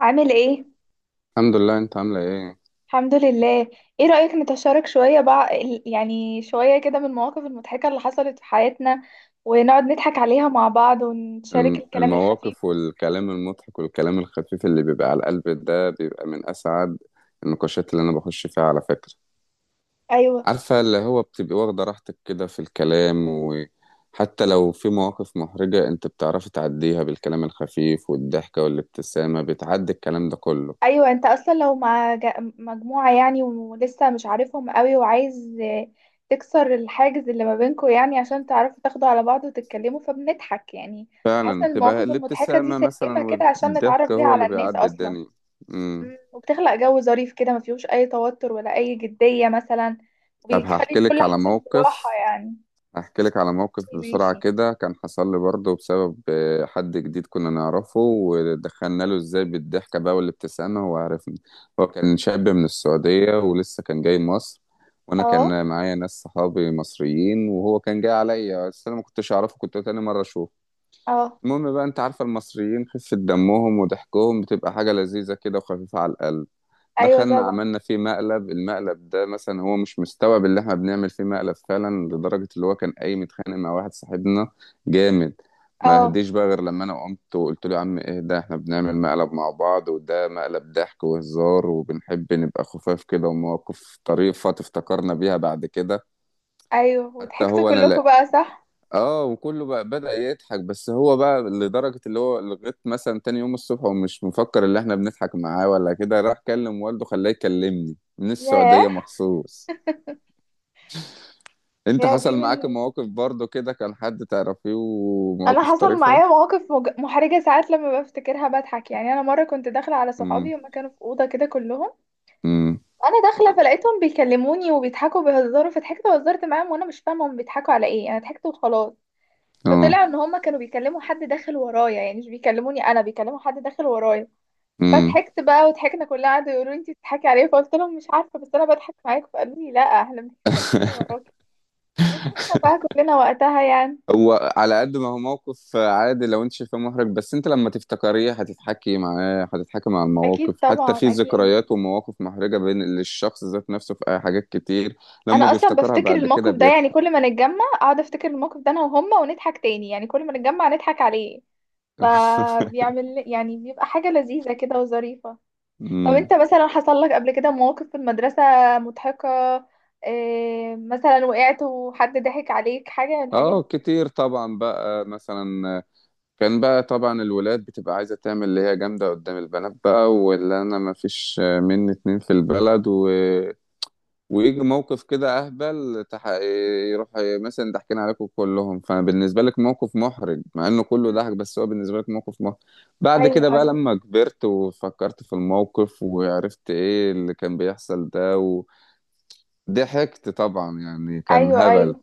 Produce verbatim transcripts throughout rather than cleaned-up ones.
عامل ايه؟ الحمد لله، انت عاملة ايه؟ الحمد لله. ايه رأيك نتشارك شوية بقى ال- يعني شوية كده من المواقف المضحكة اللي حصلت في حياتنا ونقعد نضحك عليها مع بعض ونشارك الم- الكلام الخفيف. المواقف والكلام المضحك والكلام الخفيف اللي بيبقى على القلب ده بيبقى من اسعد النقاشات اللي انا بخش فيها على فكرة. ايوه، عارفة اللي هو بتبقي واخدة راحتك كده في الكلام، وحتى لو في مواقف محرجة انت بتعرفي تعديها بالكلام الخفيف والضحكة والابتسامة، بتعدي الكلام ده كله. ايوه، انت اصلا لو مع ج- مجموعة يعني ولسه مش عارفهم قوي وعايز آه، تكسر الحاجز اللي ما بينكم يعني عشان تعرفوا تاخدوا على بعض وتتكلموا، فبنضحك يعني. بحس فعلا ان بتبقى المواقف المضحكة دي الابتسامة سلمة مثلا كده عشان نتعرف والضحكة بيها هو على اللي الناس بيعدي اصلا. الدنيا. امم مم. وبتخلق جو ظريف كده ما فيهوش اي توتر ولا اي جدية مثلا، طب وبيخلي هحكي لك الكل على حاسس براحة موقف يعني. احكي لك على موقف بسرعة ماشي. كده، كان حصل لي برضه بسبب آه، حد جديد كنا نعرفه، ودخلنا له ازاي بالضحكة بقى والابتسامة. هو عرفني. هو كان شاب من السعودية ولسه كان جاي مصر. وانا اه. كان معايا ناس صحابي مصريين، وهو كان جاي عليا بس انا ما كنتش اعرفه، كنت تاني مرة اشوفه. اه. المهم بقى، انت عارفة المصريين خفة دمهم وضحكهم بتبقى حاجة لذيذة كده وخفيفة على القلب. ايوه دخلنا طبعا. عملنا فيه مقلب، المقلب ده مثلا هو مش مستوعب اللي احنا بنعمل فيه مقلب فعلا، لدرجة اللي هو كان قايم متخانق مع واحد صاحبنا جامد. ما اه. هديش بقى غير لما انا قمت وقلت له يا عم ايه ده، احنا بنعمل مقلب مع بعض، وده مقلب ضحك وهزار وبنحب نبقى خفاف كده ومواقف طريفة تفتكرنا بيها بعد كده. ايوه حتى وضحكتوا هو انا. كلكم بقى، صح؟ اه، وكله بقى بدأ يضحك، بس هو بقى لدرجة اللي هو لغاية مثلا تاني يوم الصبح ومش مفكر اللي احنا بنضحك معاه، ولا كده راح كلم والده خلاه يكلمني من السعودية ياه. مخصوص. انت يا دي حصل معاك من. مواقف برضو كده كان حد تعرفيه انا ومواقف حصل طريفة؟ معايا مواقف مج- محرجه ساعات لما بفتكرها بضحك يعني. انا مره كنت داخله على صحابي امم. هما كانوا في اوضه كده كلهم. امم. انا داخله فلقيتهم بيكلموني وبيضحكوا بيهزروا، فضحكت وهزرت معاهم وانا مش فاهمه هم بيضحكوا على ايه، انا ضحكت وخلاص. فطلع ان هما كانوا بيكلموا حد داخل ورايا يعني مش بيكلموني انا، بيكلموا حد داخل ورايا. اه. فضحكت بقى وضحكنا كلها، قعدوا يقولوا لي انت بتضحكي عليا، فقلت لهم مش عارفه بس انا بضحك معاكم، فقالوا لي لا احنا بنتكلم حد وراكي. وضحكنا بقى كلنا وقتها يعني. هو على قد ما هو موقف عادي، لو انت شايفاه محرج، بس انت لما تفتكريه هتتحكي معاه، هتتحكي مع المواقف، اكيد حتى طبعا، في اكيد. ذكريات ومواقف محرجة بين للشخص ذات نفسه في حاجات كتير. لما انا اصلا بيفتكرها بفتكر بعد كده الموقف ده، يعني بيضحك. كل ما نتجمع اقعد افتكر الموقف ده انا وهما ونضحك تاني يعني، كل ما نتجمع نضحك عليه. فبيعمل يعني بيبقى حاجه لذيذه كده وظريفه. طب امم انت مثلا حصل لك قبل كده مواقف في المدرسة مضحكة؟ إيه مثلا؟ وقعت وحد ضحك عليك؟ حاجة من الحاجات اه، دي؟ كتير طبعا بقى. مثلا كان بقى طبعا الولاد بتبقى عايزة تعمل اللي هي جامدة قدام البنات بقى، واللي انا ما فيش مني اتنين في البلد. ويجي موقف كده اهبل، تح... يروح. مثلا ضحكين عليكم كلهم، فبالنسبه لك موقف محرج مع انه كله مم. ضحك، بس هو بالنسبه لك موقف محرج. بعد ايوه، كده بقى ايوه، لما كبرت وفكرت في الموقف وعرفت ايه اللي كان بيحصل ده، وضحكت طبعا يعني كان ايوه، هبل. ايوه.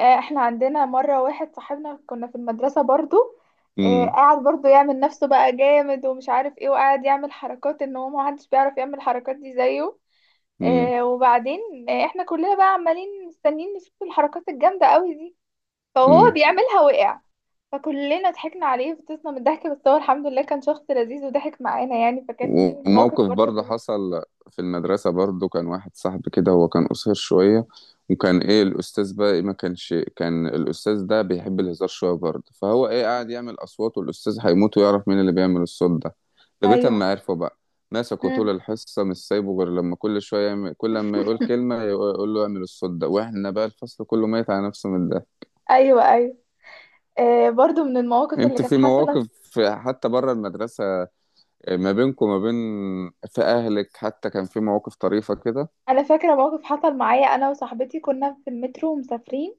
آه، احنا عندنا مرة واحد صاحبنا كنا في المدرسة برضو. آه، امم. قاعد برضو يعمل نفسه بقى جامد ومش عارف ايه وقاعد يعمل حركات ان هو محدش بيعرف يعمل الحركات دي زيه. آه، وبعدين آه، احنا كلنا بقى عمالين مستنيين نشوف الحركات الجامدة قوي دي، فهو امم. بيعملها وقع. فكلنا ضحكنا عليه وفطسنا من الضحك، بس هو الحمد لله كان شخص لذيذ وضحك معانا يعني، فكان دي من المواقف وموقف برضه برضه اللي. حصل في المدرسة برضه، كان واحد صاحبي كده هو كان قصير شوية. وكان ايه الأستاذ بقى إيه، ما كانش، كان الأستاذ ده بيحب الهزار شوية برضه، فهو ايه قاعد يعمل أصوات، والأستاذ هيموت ويعرف مين اللي بيعمل الصوت ده. لغاية ايوه. أما عرفه بقى ماسكه مم. طول الحصة مش سايبه، غير لما كل شوية يعمل، كل لما يقول كلمة يقول له اعمل الصوت ده، واحنا بقى الفصل كله ميت على نفسه من ده. ايوه، ايوه. آه برضه من المواقف اللي انت كانت في حصلت. مواقف في- حتى بره المدرسة، ما بينكم ما بين في أهلك، حتى كان في مواقف طريفة كده؟ انا فاكره موقف حصل معايا انا وصاحبتي، كنا في المترو ومسافرين،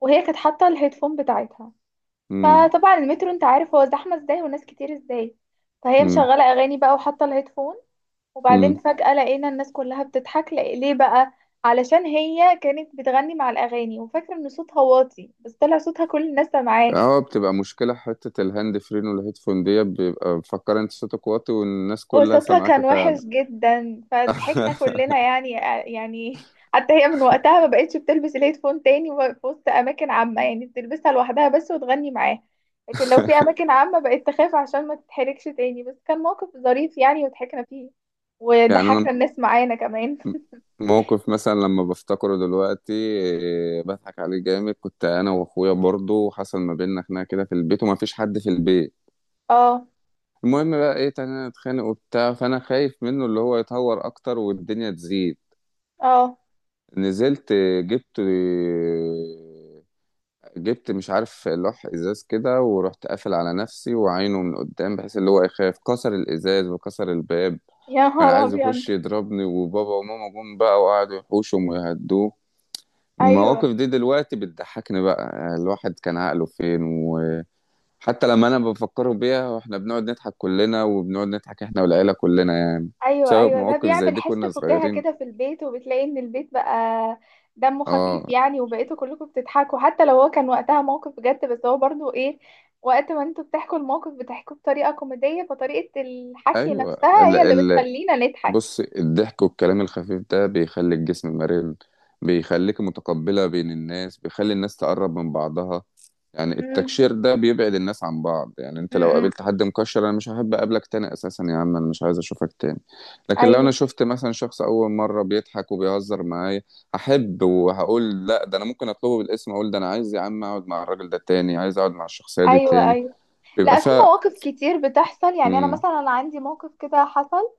وهي كانت حاطه الهيدفون بتاعتها. امم. فطبعا المترو انت عارف هو زحمه ازاي وناس كتير ازاي، فهي امم. مشغله اغاني بقى وحاطه الهيدفون. وبعدين امم. فجأة لقينا الناس كلها بتضحك لق- ليه بقى؟ علشان هي كانت بتغني مع الأغاني وفاكرة إن صوتها واطي، بس طلع صوتها كل الناس سامعاه. اه، بتبقى مشكلة حتة الهاند فرين والهيدفون دي، بيبقى مفكر انت صوتك واطي والناس كلها وصوتها سامعاك كان وحش فعلا. جدا، فضحكنا كلنا يعني. آه، يعني حتى هي من وقتها ما بقتش بتلبس الهيدفون تاني و- في وسط أماكن عامة يعني، بتلبسها لوحدها بس وتغني معاه. لكن لو في أماكن عامة بقت تخاف عشان ما تتحركش تاني. بس كان موقف ظريف يعني وضحكنا فيه، يعني انا وضحكنا الناس معانا كمان. موقف مثلا لما بفتكره دلوقتي إيه، بضحك عليه جامد. كنت انا واخويا برضو وحصل ما بيننا خناقة كده في البيت، وما فيش حد في البيت. اه. المهم بقى ايه تاني نتخانق وبتاع، فانا خايف منه اللي هو يتهور اكتر والدنيا تزيد. اه. نزلت جبت آه، جبت مش عارف لوح ازاز كده، ورحت قافل على نفسي وعينه من قدام بحيث اللي هو يخاف كسر الازاز وكسر الباب. يا كان نهار عايز أبيض. يخش يضربني، وبابا وماما جم بقى وقعدوا يحوشهم ويهدوه. ايوه، المواقف دي دلوقتي بتضحكني بقى، الواحد كان عقله فين. وحتى لما انا بفكره بيها، واحنا بنقعد نضحك كلنا، وبنقعد نضحك احنا والعيلة كلنا يعني، ايوه، بسبب ايوه، ده مواقف زي بيعمل دي حس كنا فكاهة صغيرين. كده في البيت، وبتلاقي ان البيت بقى دمه خفيف اه. يعني، وبقيتوا كلكم بتضحكوا. حتى لو هو كان وقتها موقف بجد بس هو برضو ايه، وقت ما انتوا بتحكوا الموقف بتحكوه بطريقة كوميدية، فطريقة الحكي ايوه. نفسها هي اللي بتخلينا نضحك. بص، الضحك والكلام الخفيف ده بيخلي الجسم مرن، بيخليك متقبلة بين الناس، بيخلي الناس تقرب من بعضها. يعني امم. التكشير ده بيبعد الناس عن بعض، يعني انت لو امم. قابلت حد مكشر انا مش هحب اقابلك تاني اساسا، يا عم انا مش عايز اشوفك تاني. لكن لو ايوه، انا شفت مثلا شخص اول مرة بيضحك وبيهزر معايا، هحب وهقول لا، ده انا ممكن اطلبه بالاسم، اقول ده انا عايز يا عم اقعد مع الراجل ده تاني، عايز اقعد مع الشخصية دي ايوه، تاني، ايوه. بيبقى لا في فيها. مواقف كتير بتحصل يعني، انا امم. مثلا عندي موقف كده حصل.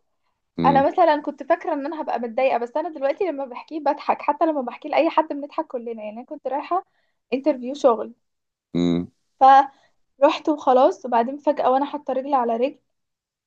انا امم. مثلا كنت فاكره ان انا هبقى متضايقه، بس انا دلوقتي لما بحكيه بضحك، حتى لما بحكيه لاي حد بنضحك كلنا يعني. انا كنت رايحه انترفيو شغل، فروحت وخلاص، وبعدين فجاه وانا حاطه رجل على رجل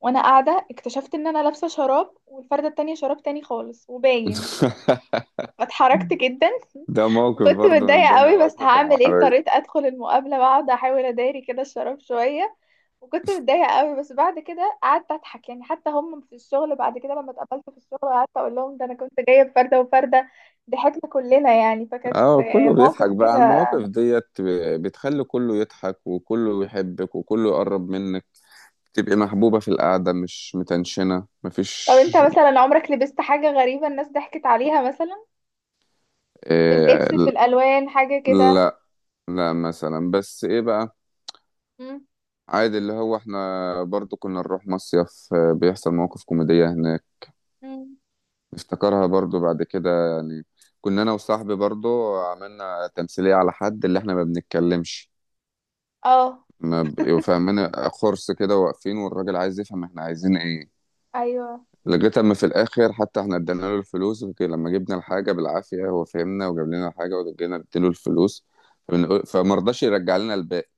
وانا قاعده اكتشفت ان انا لابسه شراب والفرده التانية شراب تاني خالص وباين، فاتحركت امم. جدا. ده موقف وكنت برضه من ضمن متضايقه قوي بس المواقف هعمل ايه، المحرجة. اضطريت ادخل المقابله واقعد احاول اداري كده الشراب شويه. وكنت متضايقة قوي بس بعد كده قعدت أضحك يعني. حتى هم في الشغل بعد كده لما اتقابلت في الشغل، قعدت أقول لهم ده أنا كنت جاية بفردة وفردة، ضحكنا كلنا يعني. فكانت اه، آه، كله موقف بيضحك بقى على كده. المواقف ديت، ب- بتخلي كله يضحك وكله يحبك وكله يقرب منك. تبقي محبوبة في القعدة، مش متنشنة، طب أنت مفيش. مثلا عمرك لبست حاجة غريبة الناس ضحكت عليها مثلا؟ في اللبس، في إيه؟ الألوان، حاجة كده؟ لا، لا مثلا، بس ايه بقى؟ مم. عادي، اللي هو احنا برضو كنا نروح مصيف، آه، بيحصل مواقف كوميدية هناك مم. نفتكرها برضو بعد كده يعني. كنا انا وصاحبي برضو عملنا تمثيلية على حد اللي احنا ما بنتكلمش، اه. ما بقوا فاهمين، خرص كده واقفين والراجل عايز يفهم احنا عايزين ايه. أيوه. لغايه اما في الاخر حتى احنا ادينا له الفلوس، وك- لما جبنا الحاجه بالعافيه هو فهمنا وجاب لنا الحاجه، ورجعنا اديله الفلوس. فبنقول- فما رضاش يرجع لنا الباقي.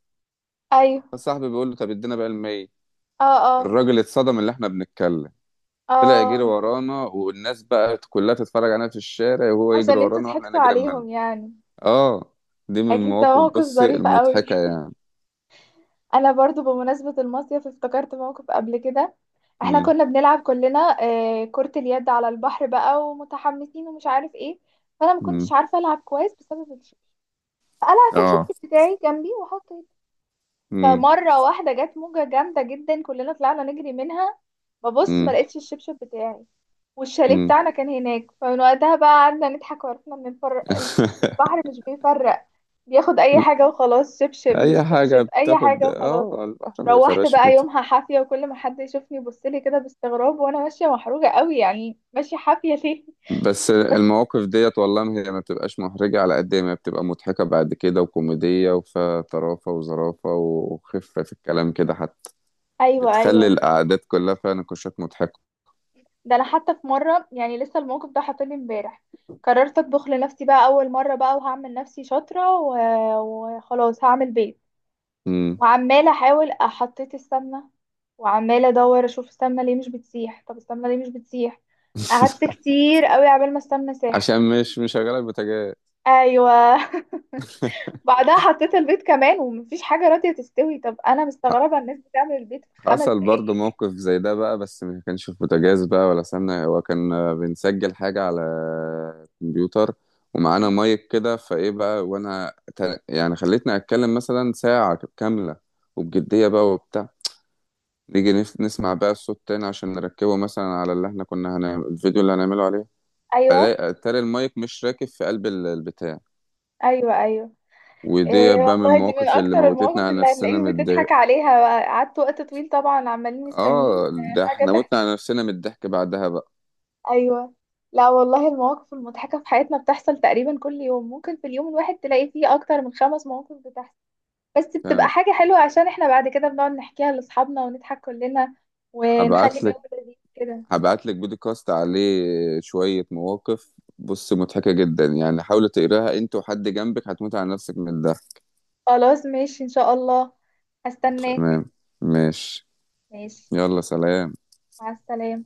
أيوه. فصاحبي بيقول له طب ادينا بقى المية. اه. اه. الراجل اتصدم اللي احنا بنتكلم. طلع يجري اه. ورانا، والناس بقى كلها تتفرج علينا في الشارع، وهو يجري عشان انتوا ورانا واحنا ضحكتوا نجري منه. عليهم يعني. اه، دي من أكيد ده المواقف موقف بصي ظريف قوي. المضحكه يعني. انا برضو بمناسبة المصيف افتكرت موقف قبل كده. احنا امم. كنا بنلعب كلنا آه، كرة اليد على البحر بقى ومتحمسين ومش عارف ايه. فانا ما كنتش امم. عارفة العب كويس بسبب الشبشب، فقلعت اه. الشبشب بتاعي جنبي وحطيت. امم. فمرة واحدة جت موجة جامدة جدا، كلنا طلعنا نجري منها. ببص ما لقيتش الشبشب بتاعي، والشاليه امم. بتاعنا كان هناك. فمن وقتها بقى قعدنا نضحك، وعرفنا ان الفر... البحر مش بيفرق، بياخد اي حاجة وخلاص، شبشب مش اي حاجه شبشب اي بتاخد، حاجة وخلاص. اه، البحر ما روحت بيفرقش بقى بت- يومها حافية، وكل ما حد يشوفني يبصلي كده باستغراب وانا ماشية محروجة قوي يعني، ماشية حافية ليه؟ بس المواقف ديت والله ما هي ما بتبقاش محرجه على قد ما بتبقى مضحكه بعد كده وكوميديه، وفيها طرافه وظرافه وخفه في الكلام كده حتى. ايوه، بتخلي ايوه. القعدات كلها فيها نقاشات مضحكه. ده انا حتى في مرة يعني لسه الموقف ده حاطني امبارح. قررت اطبخ لنفسي بقى اول مرة بقى وهعمل نفسي شاطرة و- وخلاص هعمل بيض. امم. وعمالة احاول حطيت السمنة، وعمالة ادور اشوف السمنة ليه مش بتسيح، طب السمنة ليه مش بتسيح؟ قعدت كتير قوي عبال ما السمنة ساحت. عشان مش مشغله البوتاجاز. ايوه. بعدها حطيت البيض كمان ومفيش حاجة راضية تستوي، طب أنا مستغربة الناس بتعمل البيض في خمس حصل برضه دقايق موقف زي ده بقى، بس ما كانش في بوتاجاز بقى ولا سمنة، هو كان آه، بنسجل حاجة على الكمبيوتر مم. ومعانا مايك كده، فايه بقى وانا ت- يعني خليتني اتكلم مثلا ساعة كاملة وبجدية بقى وبتاع. نيجي نف- نسمع بقى الصوت تاني عشان نركبه مثلا على اللي احنا كنا هنعمل الفيديو اللي هنعمله عليه. أيوه، ألاقي- اتاري المايك مش راكب في قلب ال- البتاع. أيوه، أيوه. إيه ودي بقى من والله دي من المواقف اللي أكتر موتتنا المواقف على اللي نفسنا من هتلاقيك بتضحك الضحك. عليها بقى. قعدت وقت طويل طبعا عمالين مستنيين اه، آه، ده حاجة احنا تحصل. متنا على نفسنا من الضحك بعدها بقى. أيوه. لا والله المواقف المضحكة في حياتنا بتحصل تقريبا كل يوم، ممكن في اليوم الواحد تلاقي فيه أكتر من خمس مواقف بتحصل. بس بتبقى فعلا. حاجة حلوة عشان احنا بعد كده بنقعد نحكيها لأصحابنا ونضحك كلنا، ونخلي هبعت جو لك لذيذ كده. هبعت لك بودكاست عليه شوية مواقف. بص مضحكة جدا يعني، حاول تقراها انت وحد جنبك هتموت على نفسك من الضحك. خلاص ماشي ان شاء الله. هستناك. تمام. ماشي. ماشي. يلا، سلام. مع السلامة.